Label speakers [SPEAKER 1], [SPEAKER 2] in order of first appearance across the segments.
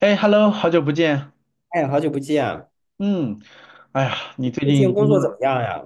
[SPEAKER 1] 哎，Hello，好久不见。
[SPEAKER 2] 哎，好久不见，
[SPEAKER 1] 嗯。哎呀，你最
[SPEAKER 2] 最
[SPEAKER 1] 近
[SPEAKER 2] 近工
[SPEAKER 1] 工
[SPEAKER 2] 作
[SPEAKER 1] 作，
[SPEAKER 2] 怎么样呀？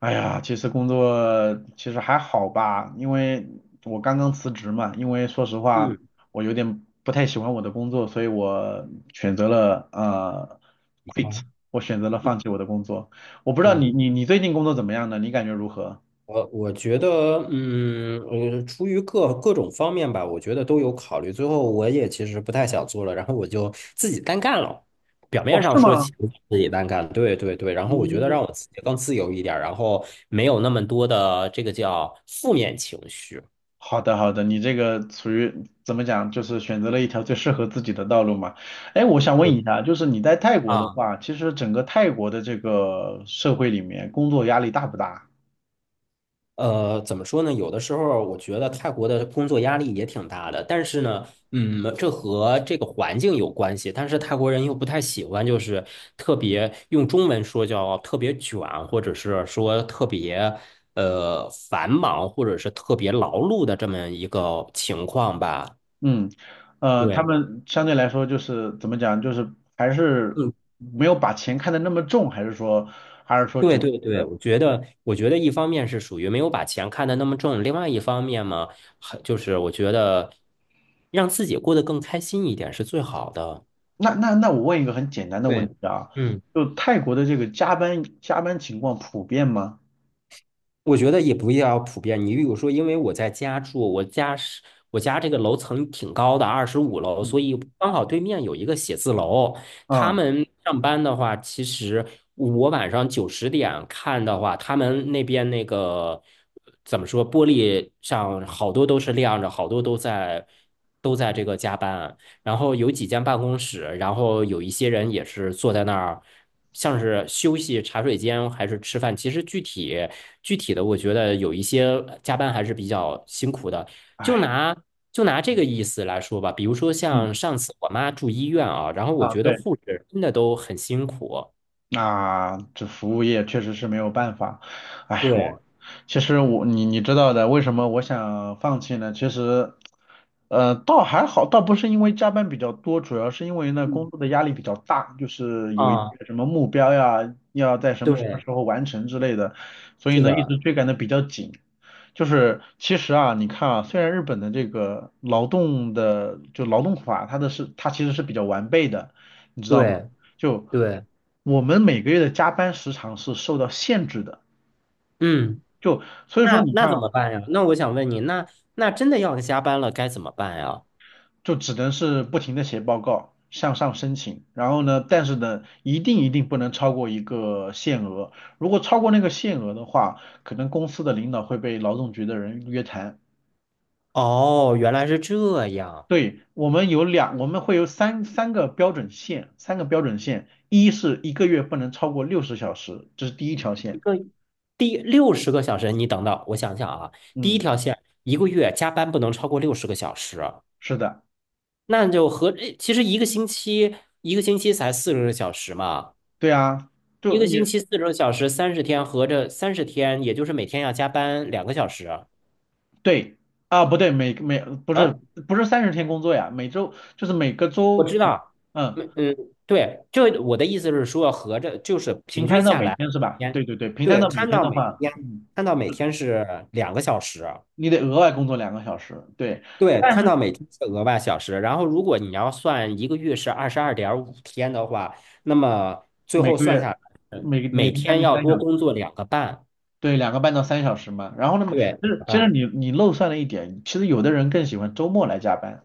[SPEAKER 1] 哎呀，其实还好吧，因为我刚刚辞职嘛。因为说实话，
[SPEAKER 2] 嗯，
[SPEAKER 1] 我有点不太喜欢我的工作，所以我选择了
[SPEAKER 2] 你
[SPEAKER 1] quit，
[SPEAKER 2] 好。
[SPEAKER 1] 我选择了放弃我的工作。我不知道你
[SPEAKER 2] 嗯，
[SPEAKER 1] 你你最近工作怎么样呢？你感觉如何？
[SPEAKER 2] 我觉得，出于各种方面吧，我觉得都有考虑。最后，我也其实不太想做了，然后我就自己单干了。表
[SPEAKER 1] 哦，
[SPEAKER 2] 面上
[SPEAKER 1] 是
[SPEAKER 2] 说其
[SPEAKER 1] 吗？
[SPEAKER 2] 实自己单干，对对对。然后我觉得
[SPEAKER 1] 嗯，
[SPEAKER 2] 让我自己更自由一点儿，然后没有那么多的这个叫负面情绪。
[SPEAKER 1] 好的，好的，你这个属于怎么讲，就是选择了一条最适合自己的道路嘛。哎，我想问
[SPEAKER 2] 对。
[SPEAKER 1] 一下，就是你在泰国的
[SPEAKER 2] 啊，
[SPEAKER 1] 话，其实整个泰国的这个社会里面，工作压力大不大？
[SPEAKER 2] 怎么说呢？有的时候我觉得泰国的工作压力也挺大的，但是呢，这和这个环境有关系。但是泰国人又不太喜欢，就是特别用中文说叫特别卷，或者是说特别繁忙，或者是特别劳碌的这么一个情况吧。
[SPEAKER 1] 嗯，呃，他
[SPEAKER 2] 对。
[SPEAKER 1] 们相对来说就是怎么讲，就是还是
[SPEAKER 2] 嗯。
[SPEAKER 1] 没有把钱看得那么重，还是说，还是说
[SPEAKER 2] 对
[SPEAKER 1] 整，
[SPEAKER 2] 对对，我觉得一方面是属于没有把钱看得那么重，另外一方面嘛，还就是我觉得让自己过得更开心一点是最好的。
[SPEAKER 1] 那那那我问一个很简单的问
[SPEAKER 2] 对，
[SPEAKER 1] 题啊，
[SPEAKER 2] 嗯。
[SPEAKER 1] 就泰国的这个加班情况普遍吗？
[SPEAKER 2] 我觉得也不要普遍。你比如说，因为我在家住，我家这个楼层挺高的，25楼，
[SPEAKER 1] 嗯，
[SPEAKER 2] 所以刚好对面有一个写字楼。他
[SPEAKER 1] 啊，
[SPEAKER 2] 们上班的话，其实我晚上九十点看的话，他们那边那个怎么说，玻璃上好多都是亮着，好多都在这个加班。然后有几间办公室，然后有一些人也是坐在那儿，像是休息、茶水间还是吃饭。其实具体的，我觉得有一些加班还是比较辛苦的。就
[SPEAKER 1] 哎，
[SPEAKER 2] 拿就拿这个意思来说吧，比如说
[SPEAKER 1] 嗯，
[SPEAKER 2] 像上次我妈住医院啊，然后我
[SPEAKER 1] 啊，
[SPEAKER 2] 觉得
[SPEAKER 1] 对。
[SPEAKER 2] 护士真的都很辛苦。
[SPEAKER 1] 那这服务业确实是没有办法。哎，嗯，我
[SPEAKER 2] 对，
[SPEAKER 1] 其实，你知道的，为什么我想放弃呢？其实，呃，倒还好，倒不是因为加班比较多，主要是因为呢
[SPEAKER 2] 嗯，
[SPEAKER 1] 工作的压力比较大，就是有一
[SPEAKER 2] 啊，
[SPEAKER 1] 些什么目标呀，要在什么什么
[SPEAKER 2] 对，
[SPEAKER 1] 时候完成之类的，所以
[SPEAKER 2] 是
[SPEAKER 1] 呢一
[SPEAKER 2] 的，
[SPEAKER 1] 直追赶的比较紧。就是其实啊，你看啊，虽然日本的这个劳动的就劳动法，它的是它其实是比较完备的，你知道吗？
[SPEAKER 2] 对
[SPEAKER 1] 就
[SPEAKER 2] 对，
[SPEAKER 1] 我们每个月的加班时长是受到限制的，
[SPEAKER 2] 嗯，
[SPEAKER 1] 就所以说
[SPEAKER 2] 那
[SPEAKER 1] 你
[SPEAKER 2] 那
[SPEAKER 1] 看
[SPEAKER 2] 怎
[SPEAKER 1] 啊
[SPEAKER 2] 么办呀？那我想问你，那真的要加班了，该怎么办呀？
[SPEAKER 1] 就只能是不停的写报告，向上申请，然后呢，但是呢，一定不能超过一个限额，如果超过那个限额的话，可能公司的领导会被劳动局的人约谈。
[SPEAKER 2] 哦，原来是这样。
[SPEAKER 1] 对，我们会有三个标准线，三个标准线，一是一个月不能超过60小时，这是第一条
[SPEAKER 2] 一
[SPEAKER 1] 线。
[SPEAKER 2] 个第六十个小时，你等等，我想想啊，第一
[SPEAKER 1] 嗯，
[SPEAKER 2] 条线一个月加班不能超过六十个小时，
[SPEAKER 1] 是的，
[SPEAKER 2] 那就合，诶其实一个星期才四十个小时嘛，
[SPEAKER 1] 对啊，
[SPEAKER 2] 一
[SPEAKER 1] 就
[SPEAKER 2] 个
[SPEAKER 1] 你。
[SPEAKER 2] 星期四十个小时，三十天合着三十天，也就是每天要加班两个小时。
[SPEAKER 1] 对啊，不对，不是
[SPEAKER 2] 啊？
[SPEAKER 1] 不是三十天工作呀，每周就是每个
[SPEAKER 2] 我
[SPEAKER 1] 周，
[SPEAKER 2] 知道，
[SPEAKER 1] 嗯，
[SPEAKER 2] 嗯嗯，对，就我的意思是说，合着就是
[SPEAKER 1] 平
[SPEAKER 2] 平均
[SPEAKER 1] 摊到
[SPEAKER 2] 下
[SPEAKER 1] 每
[SPEAKER 2] 来，
[SPEAKER 1] 天是吧？
[SPEAKER 2] 天，
[SPEAKER 1] 对对对，平摊
[SPEAKER 2] 对，
[SPEAKER 1] 到每
[SPEAKER 2] 摊
[SPEAKER 1] 天
[SPEAKER 2] 到
[SPEAKER 1] 的
[SPEAKER 2] 每
[SPEAKER 1] 话，
[SPEAKER 2] 天，
[SPEAKER 1] 嗯，
[SPEAKER 2] 摊到每天是两个小时。
[SPEAKER 1] 你得额外工作2个小时，对，
[SPEAKER 2] 对，
[SPEAKER 1] 但
[SPEAKER 2] 看
[SPEAKER 1] 是
[SPEAKER 2] 到每天是额外小时，然后如果你要算一个月是22.5天的话，那么最
[SPEAKER 1] 每
[SPEAKER 2] 后
[SPEAKER 1] 个
[SPEAKER 2] 算
[SPEAKER 1] 月
[SPEAKER 2] 下来，
[SPEAKER 1] 每
[SPEAKER 2] 每
[SPEAKER 1] 天将
[SPEAKER 2] 天
[SPEAKER 1] 近
[SPEAKER 2] 要
[SPEAKER 1] 三
[SPEAKER 2] 多
[SPEAKER 1] 小时，
[SPEAKER 2] 工作两个半，
[SPEAKER 1] 对，2个半到三小时嘛。然后那么
[SPEAKER 2] 对，
[SPEAKER 1] 其
[SPEAKER 2] 两
[SPEAKER 1] 实
[SPEAKER 2] 个
[SPEAKER 1] 其实
[SPEAKER 2] 半
[SPEAKER 1] 你漏算了一点，其实有的人更喜欢周末来加班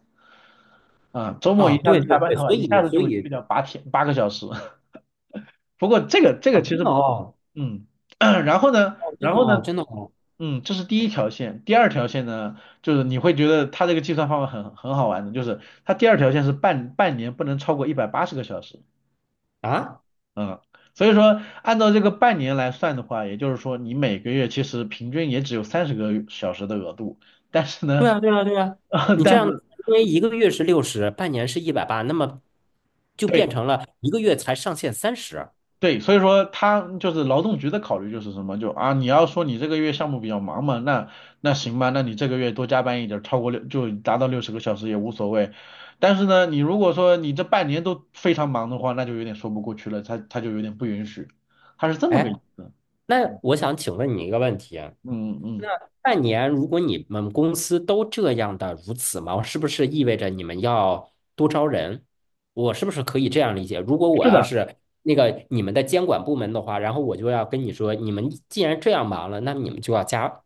[SPEAKER 1] 啊，周末一
[SPEAKER 2] 啊，
[SPEAKER 1] 下
[SPEAKER 2] 对
[SPEAKER 1] 子加
[SPEAKER 2] 对
[SPEAKER 1] 班
[SPEAKER 2] 对，
[SPEAKER 1] 的话，
[SPEAKER 2] 所
[SPEAKER 1] 一下
[SPEAKER 2] 以
[SPEAKER 1] 子就
[SPEAKER 2] 所
[SPEAKER 1] 会去
[SPEAKER 2] 以
[SPEAKER 1] 掉8天8个小时。不过这个
[SPEAKER 2] 啊，
[SPEAKER 1] 其
[SPEAKER 2] 真的
[SPEAKER 1] 实
[SPEAKER 2] 哦，
[SPEAKER 1] 嗯，然后呢，
[SPEAKER 2] 哦，真
[SPEAKER 1] 然
[SPEAKER 2] 的
[SPEAKER 1] 后
[SPEAKER 2] 哦，
[SPEAKER 1] 呢，
[SPEAKER 2] 真的哦，
[SPEAKER 1] 嗯，这是第一条线，第二条线呢，就是你会觉得它这个计算方法很好玩的，就是它第二条线是半年不能超过180个小时，
[SPEAKER 2] 啊，
[SPEAKER 1] 嗯，所以说按照这个半年来算的话，也就是说你每个月其实平均也只有30个小时的额度，但是
[SPEAKER 2] 对
[SPEAKER 1] 呢，
[SPEAKER 2] 啊，对啊，对啊，你这
[SPEAKER 1] 但
[SPEAKER 2] 样，
[SPEAKER 1] 是。
[SPEAKER 2] 因为一个月是六十，半年是一百八，那么就变
[SPEAKER 1] 对。
[SPEAKER 2] 成了一个月才上限三十。
[SPEAKER 1] 对，所以说他就是劳动局的考虑就是什么，就啊，你要说你这个月项目比较忙嘛，那那行吧，那你这个月多加班一点儿超过六就达到六十个小时也无所谓。但是呢，你如果说你这半年都非常忙的话，那就有点说不过去了，他就有点不允许，他是这么个
[SPEAKER 2] 哎，
[SPEAKER 1] 意思。
[SPEAKER 2] 那我想请问你一个问题，
[SPEAKER 1] 嗯嗯，
[SPEAKER 2] 半年，如果你们公司都这样的如此忙，是不是意味着你们要多招人？我是不是可以这样理解？如果我
[SPEAKER 1] 是
[SPEAKER 2] 要
[SPEAKER 1] 的，
[SPEAKER 2] 是你们的监管部门的话，然后我就要跟你说，你们既然这样忙了，那你们就要加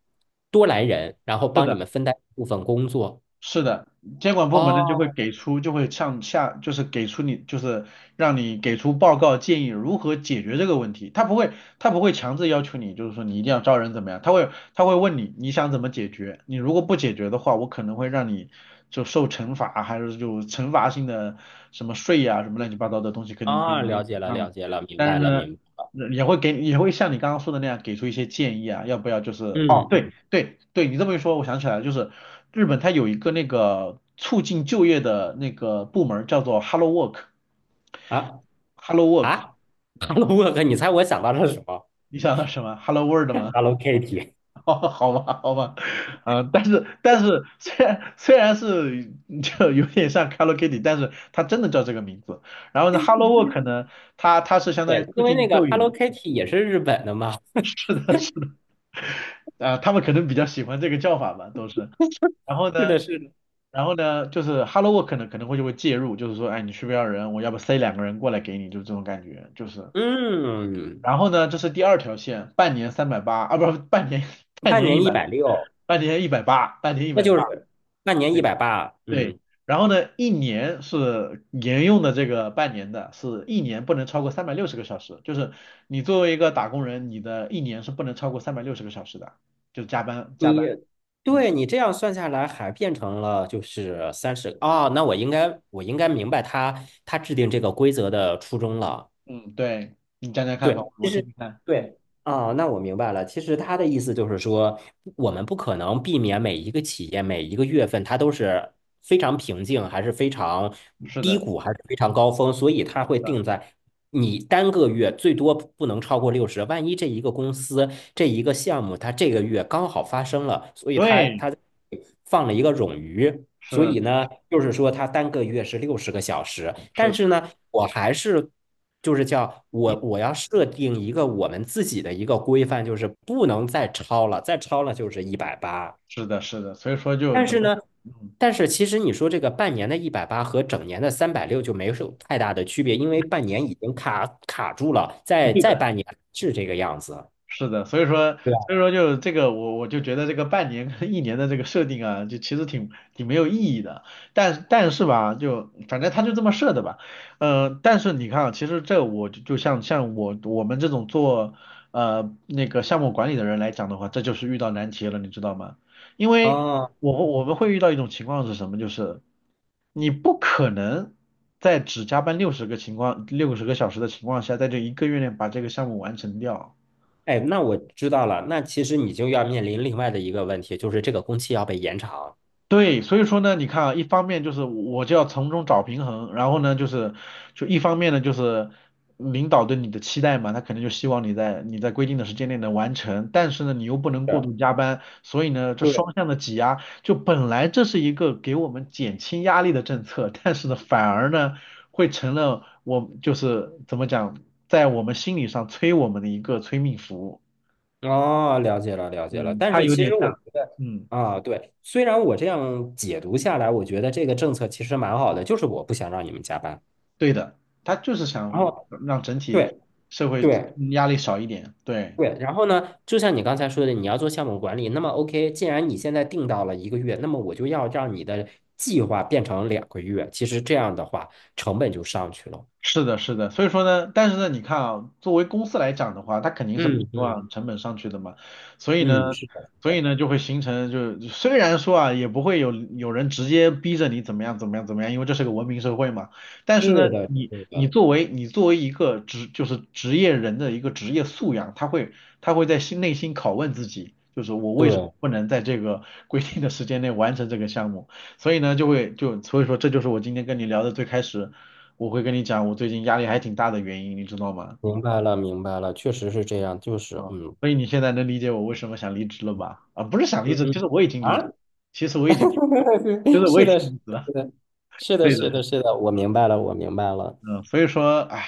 [SPEAKER 2] 多来人，然后
[SPEAKER 1] 是
[SPEAKER 2] 帮你
[SPEAKER 1] 的。
[SPEAKER 2] 们分担部分工作。
[SPEAKER 1] 是的，监管部门呢就会
[SPEAKER 2] 哦，
[SPEAKER 1] 给出，就会向下，就是给出你，就是让你给出报告建议如何解决这个问题。他不会，他不会强制要求你，就是说你一定要招人怎么样，他会问你你想怎么解决，你如果不解决的话，我可能会让你就受惩罚，还是就惩罚性的什么税呀、什么乱七八糟的东西，肯定肯
[SPEAKER 2] 啊，
[SPEAKER 1] 定给你
[SPEAKER 2] 了
[SPEAKER 1] 顶
[SPEAKER 2] 解了，
[SPEAKER 1] 上来。
[SPEAKER 2] 了解了，明
[SPEAKER 1] 但是
[SPEAKER 2] 白了，
[SPEAKER 1] 呢，
[SPEAKER 2] 明白。
[SPEAKER 1] 也会像你刚刚说的那样给出一些建议啊，要不要就是哦，
[SPEAKER 2] 嗯，
[SPEAKER 1] 对
[SPEAKER 2] 嗯
[SPEAKER 1] 对对，你这么一说，我想起来了，就是。日本它有一个那个促进就业的那个部门儿叫做 Hello Work，Hello
[SPEAKER 2] 啊
[SPEAKER 1] Work,
[SPEAKER 2] 啊，Hello Work，你猜我想到了什么
[SPEAKER 1] 你想到什么？Hello World 吗？
[SPEAKER 2] ？Hello Kitty。
[SPEAKER 1] 哦好吧，好吧，嗯、但是虽然是就有点像 Hello Kitty,但是它真的叫这个名字。然后呢，Hello Work 呢，它是相当于
[SPEAKER 2] 对，
[SPEAKER 1] 促
[SPEAKER 2] 因为那
[SPEAKER 1] 进
[SPEAKER 2] 个
[SPEAKER 1] 就业的，
[SPEAKER 2] Hello Kitty 也是日本的嘛。
[SPEAKER 1] 啊、他们可能比较喜欢这个叫法吧，都是。然后
[SPEAKER 2] 是
[SPEAKER 1] 呢？
[SPEAKER 2] 的，是的。
[SPEAKER 1] 然后呢，就是 Hello Work 呢可能会就会介入，就是说，哎，你需不需要人？我要不塞两个人过来给你，就这种感觉，就是，
[SPEAKER 2] 嗯，
[SPEAKER 1] 然后呢，这是第二条线，半年380啊，不是半年，半
[SPEAKER 2] 半
[SPEAKER 1] 年一
[SPEAKER 2] 年一
[SPEAKER 1] 百，
[SPEAKER 2] 百六，
[SPEAKER 1] 半年一百八，半年一
[SPEAKER 2] 那
[SPEAKER 1] 百
[SPEAKER 2] 就
[SPEAKER 1] 八，
[SPEAKER 2] 是半年一
[SPEAKER 1] 对
[SPEAKER 2] 百八。
[SPEAKER 1] 对。
[SPEAKER 2] 嗯，
[SPEAKER 1] 然后呢，一年是沿用的这个半年的，是一年不能超过三百六十个小时，就是你作为一个打工人，你的一年是不能超过三百六十个小时的，就是加班加
[SPEAKER 2] 你
[SPEAKER 1] 班。嗯
[SPEAKER 2] 对，你这样算下来，还变成了就是三十。哦，那我应该明白他制定这个规则的初衷了。
[SPEAKER 1] 嗯，对，你讲讲看吧，
[SPEAKER 2] 对，其
[SPEAKER 1] 我听
[SPEAKER 2] 实
[SPEAKER 1] 听看。嗯，
[SPEAKER 2] 对啊，那我明白了。其实他的意思就是说，我们不可能避免每一个企业每一个月份它都是非常平静，还是非常
[SPEAKER 1] 是
[SPEAKER 2] 低
[SPEAKER 1] 的，
[SPEAKER 2] 谷，还是非常高峰，所以它会
[SPEAKER 1] 是的，
[SPEAKER 2] 定在你单个月最多不能超过六十。万一这一个公司这一个项目它这个月刚好发生了，所以它
[SPEAKER 1] 对，
[SPEAKER 2] 它放了一个冗余，所
[SPEAKER 1] 是
[SPEAKER 2] 以呢，就是说它单个月是六十个小时，
[SPEAKER 1] 是
[SPEAKER 2] 但是
[SPEAKER 1] 的，
[SPEAKER 2] 呢，我还是就是叫我
[SPEAKER 1] 你
[SPEAKER 2] 我要设定一个我们自己的一个规范，就是不能再超了，再超了就是一百八，
[SPEAKER 1] 是的是的，所以说就
[SPEAKER 2] 但
[SPEAKER 1] 怎
[SPEAKER 2] 是
[SPEAKER 1] 么
[SPEAKER 2] 呢。
[SPEAKER 1] 讲，嗯。
[SPEAKER 2] 但是其实你说这个半年的一百八和整年的360就没有太大的区别，因为半年已经卡住了，再半年是这个样子，
[SPEAKER 1] 是的，所以说，
[SPEAKER 2] 对吧？
[SPEAKER 1] 所以说就这个，我就觉得这个半年跟一年的这个设定啊，就其实挺没有意义的。但是吧，就反正他就这么设的吧。呃，但是你看啊，其实这我就像我们这种做呃那个项目管理的人来讲的话，这就是遇到难题了，你知道吗？因为
[SPEAKER 2] 哦。
[SPEAKER 1] 我们会遇到一种情况是什么，就是你不可能在只加班六十个小时的情况下，在这一个月内把这个项目完成掉。
[SPEAKER 2] 哎，那我知道了。那其实你就要面临另外的一个问题，就是这个工期要被延长。
[SPEAKER 1] 对，所以说呢，你看啊，一方面就是我就要从中找平衡，然后呢，就是就一方面呢，就是领导对你的期待嘛，他肯定就希望你在你在规定的时间内能完成，但是呢，你又不能过
[SPEAKER 2] 对
[SPEAKER 1] 度加班，所以呢，这
[SPEAKER 2] 对，
[SPEAKER 1] 双向的挤压，就本来这是一个给我们减轻压力的政策，但是呢，反而呢，会成了我就是怎么讲，在我们心理上催我们的一个催命符，
[SPEAKER 2] 哦，了解了，了解了。
[SPEAKER 1] 嗯，
[SPEAKER 2] 但
[SPEAKER 1] 它
[SPEAKER 2] 是
[SPEAKER 1] 有
[SPEAKER 2] 其
[SPEAKER 1] 点
[SPEAKER 2] 实我
[SPEAKER 1] 像，
[SPEAKER 2] 觉得
[SPEAKER 1] 嗯。
[SPEAKER 2] 啊，对，虽然我这样解读下来，我觉得这个政策其实蛮好的，就是我不想让你们加班。
[SPEAKER 1] 对的，他就是
[SPEAKER 2] 然
[SPEAKER 1] 想
[SPEAKER 2] 后，
[SPEAKER 1] 让整体
[SPEAKER 2] 对
[SPEAKER 1] 社会
[SPEAKER 2] 对
[SPEAKER 1] 压力少一点，对。
[SPEAKER 2] 对，然后呢，就像你刚才说的，你要做项目管理，那么 OK，既然你现在定到了一个月，那么我就要让你的计划变成2个月。其实这样的话，成本就上去了。
[SPEAKER 1] 是的，是的，所以说呢，但是呢，你看啊，作为公司来讲的话，他肯定是不希
[SPEAKER 2] 嗯嗯
[SPEAKER 1] 望成本上去的嘛，所以
[SPEAKER 2] 嗯，
[SPEAKER 1] 呢，
[SPEAKER 2] 是的，
[SPEAKER 1] 所
[SPEAKER 2] 是
[SPEAKER 1] 以
[SPEAKER 2] 的。
[SPEAKER 1] 呢，就会形成就虽然说啊，也不会有人直接逼着你怎么样怎么样怎么样，因为这是个文明社会嘛，但是呢，
[SPEAKER 2] 是的，
[SPEAKER 1] 你
[SPEAKER 2] 是
[SPEAKER 1] 你
[SPEAKER 2] 的，
[SPEAKER 1] 作为你作为一个职就是职业人的一个职业素养，他会在内心拷问自己，就是我为什么
[SPEAKER 2] 对，
[SPEAKER 1] 不能在这个 规定的时间内完成这个项目，所以呢，就会就所以说这就是我今天跟你聊的最开始。我会跟你讲，我最近压力还挺大的原因，你知道吗？
[SPEAKER 2] 明白了，明白了，确实是这样，就是
[SPEAKER 1] 啊，所以你现在能理解我为什么想离职了吧？啊，不是想离
[SPEAKER 2] 嗯
[SPEAKER 1] 职，其
[SPEAKER 2] 嗯
[SPEAKER 1] 实我已经离职，
[SPEAKER 2] 啊，
[SPEAKER 1] 其实我已经，就 是我
[SPEAKER 2] 是
[SPEAKER 1] 已经
[SPEAKER 2] 的，是
[SPEAKER 1] 离职了。
[SPEAKER 2] 的，是的，
[SPEAKER 1] 对的，
[SPEAKER 2] 是
[SPEAKER 1] 对
[SPEAKER 2] 的，
[SPEAKER 1] 的
[SPEAKER 2] 是的，我明白了，我明白了，
[SPEAKER 1] 嗯，所以说，唉，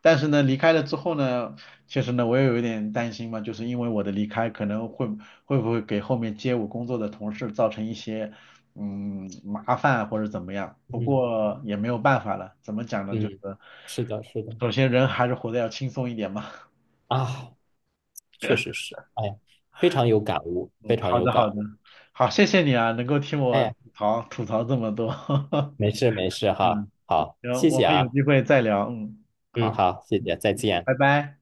[SPEAKER 1] 但是呢，离开了之后呢，其实呢，我也有一点担心嘛，就是因为我的离开可能会会不会给后面接我工作的同事造成一些嗯麻烦或者怎么样？不
[SPEAKER 2] 嗯
[SPEAKER 1] 过也没有办法了，怎么讲呢？就是
[SPEAKER 2] 嗯，是的，是的，
[SPEAKER 1] 首先人还是活得要轻松一点嘛。
[SPEAKER 2] 啊，确实是，哎呀，非常有感悟，非
[SPEAKER 1] 嗯，
[SPEAKER 2] 常
[SPEAKER 1] 好
[SPEAKER 2] 有
[SPEAKER 1] 的
[SPEAKER 2] 感
[SPEAKER 1] 好的，
[SPEAKER 2] 悟，
[SPEAKER 1] 好，谢谢你啊，能够听我
[SPEAKER 2] 哎，
[SPEAKER 1] 吐槽吐槽这么多，
[SPEAKER 2] 没事没 事哈，
[SPEAKER 1] 嗯，
[SPEAKER 2] 好，
[SPEAKER 1] 行，
[SPEAKER 2] 谢
[SPEAKER 1] 我
[SPEAKER 2] 谢
[SPEAKER 1] 们有
[SPEAKER 2] 啊，
[SPEAKER 1] 机会再聊，嗯，
[SPEAKER 2] 嗯，
[SPEAKER 1] 好，
[SPEAKER 2] 好，谢
[SPEAKER 1] 嗯，
[SPEAKER 2] 谢，再见。
[SPEAKER 1] 拜拜。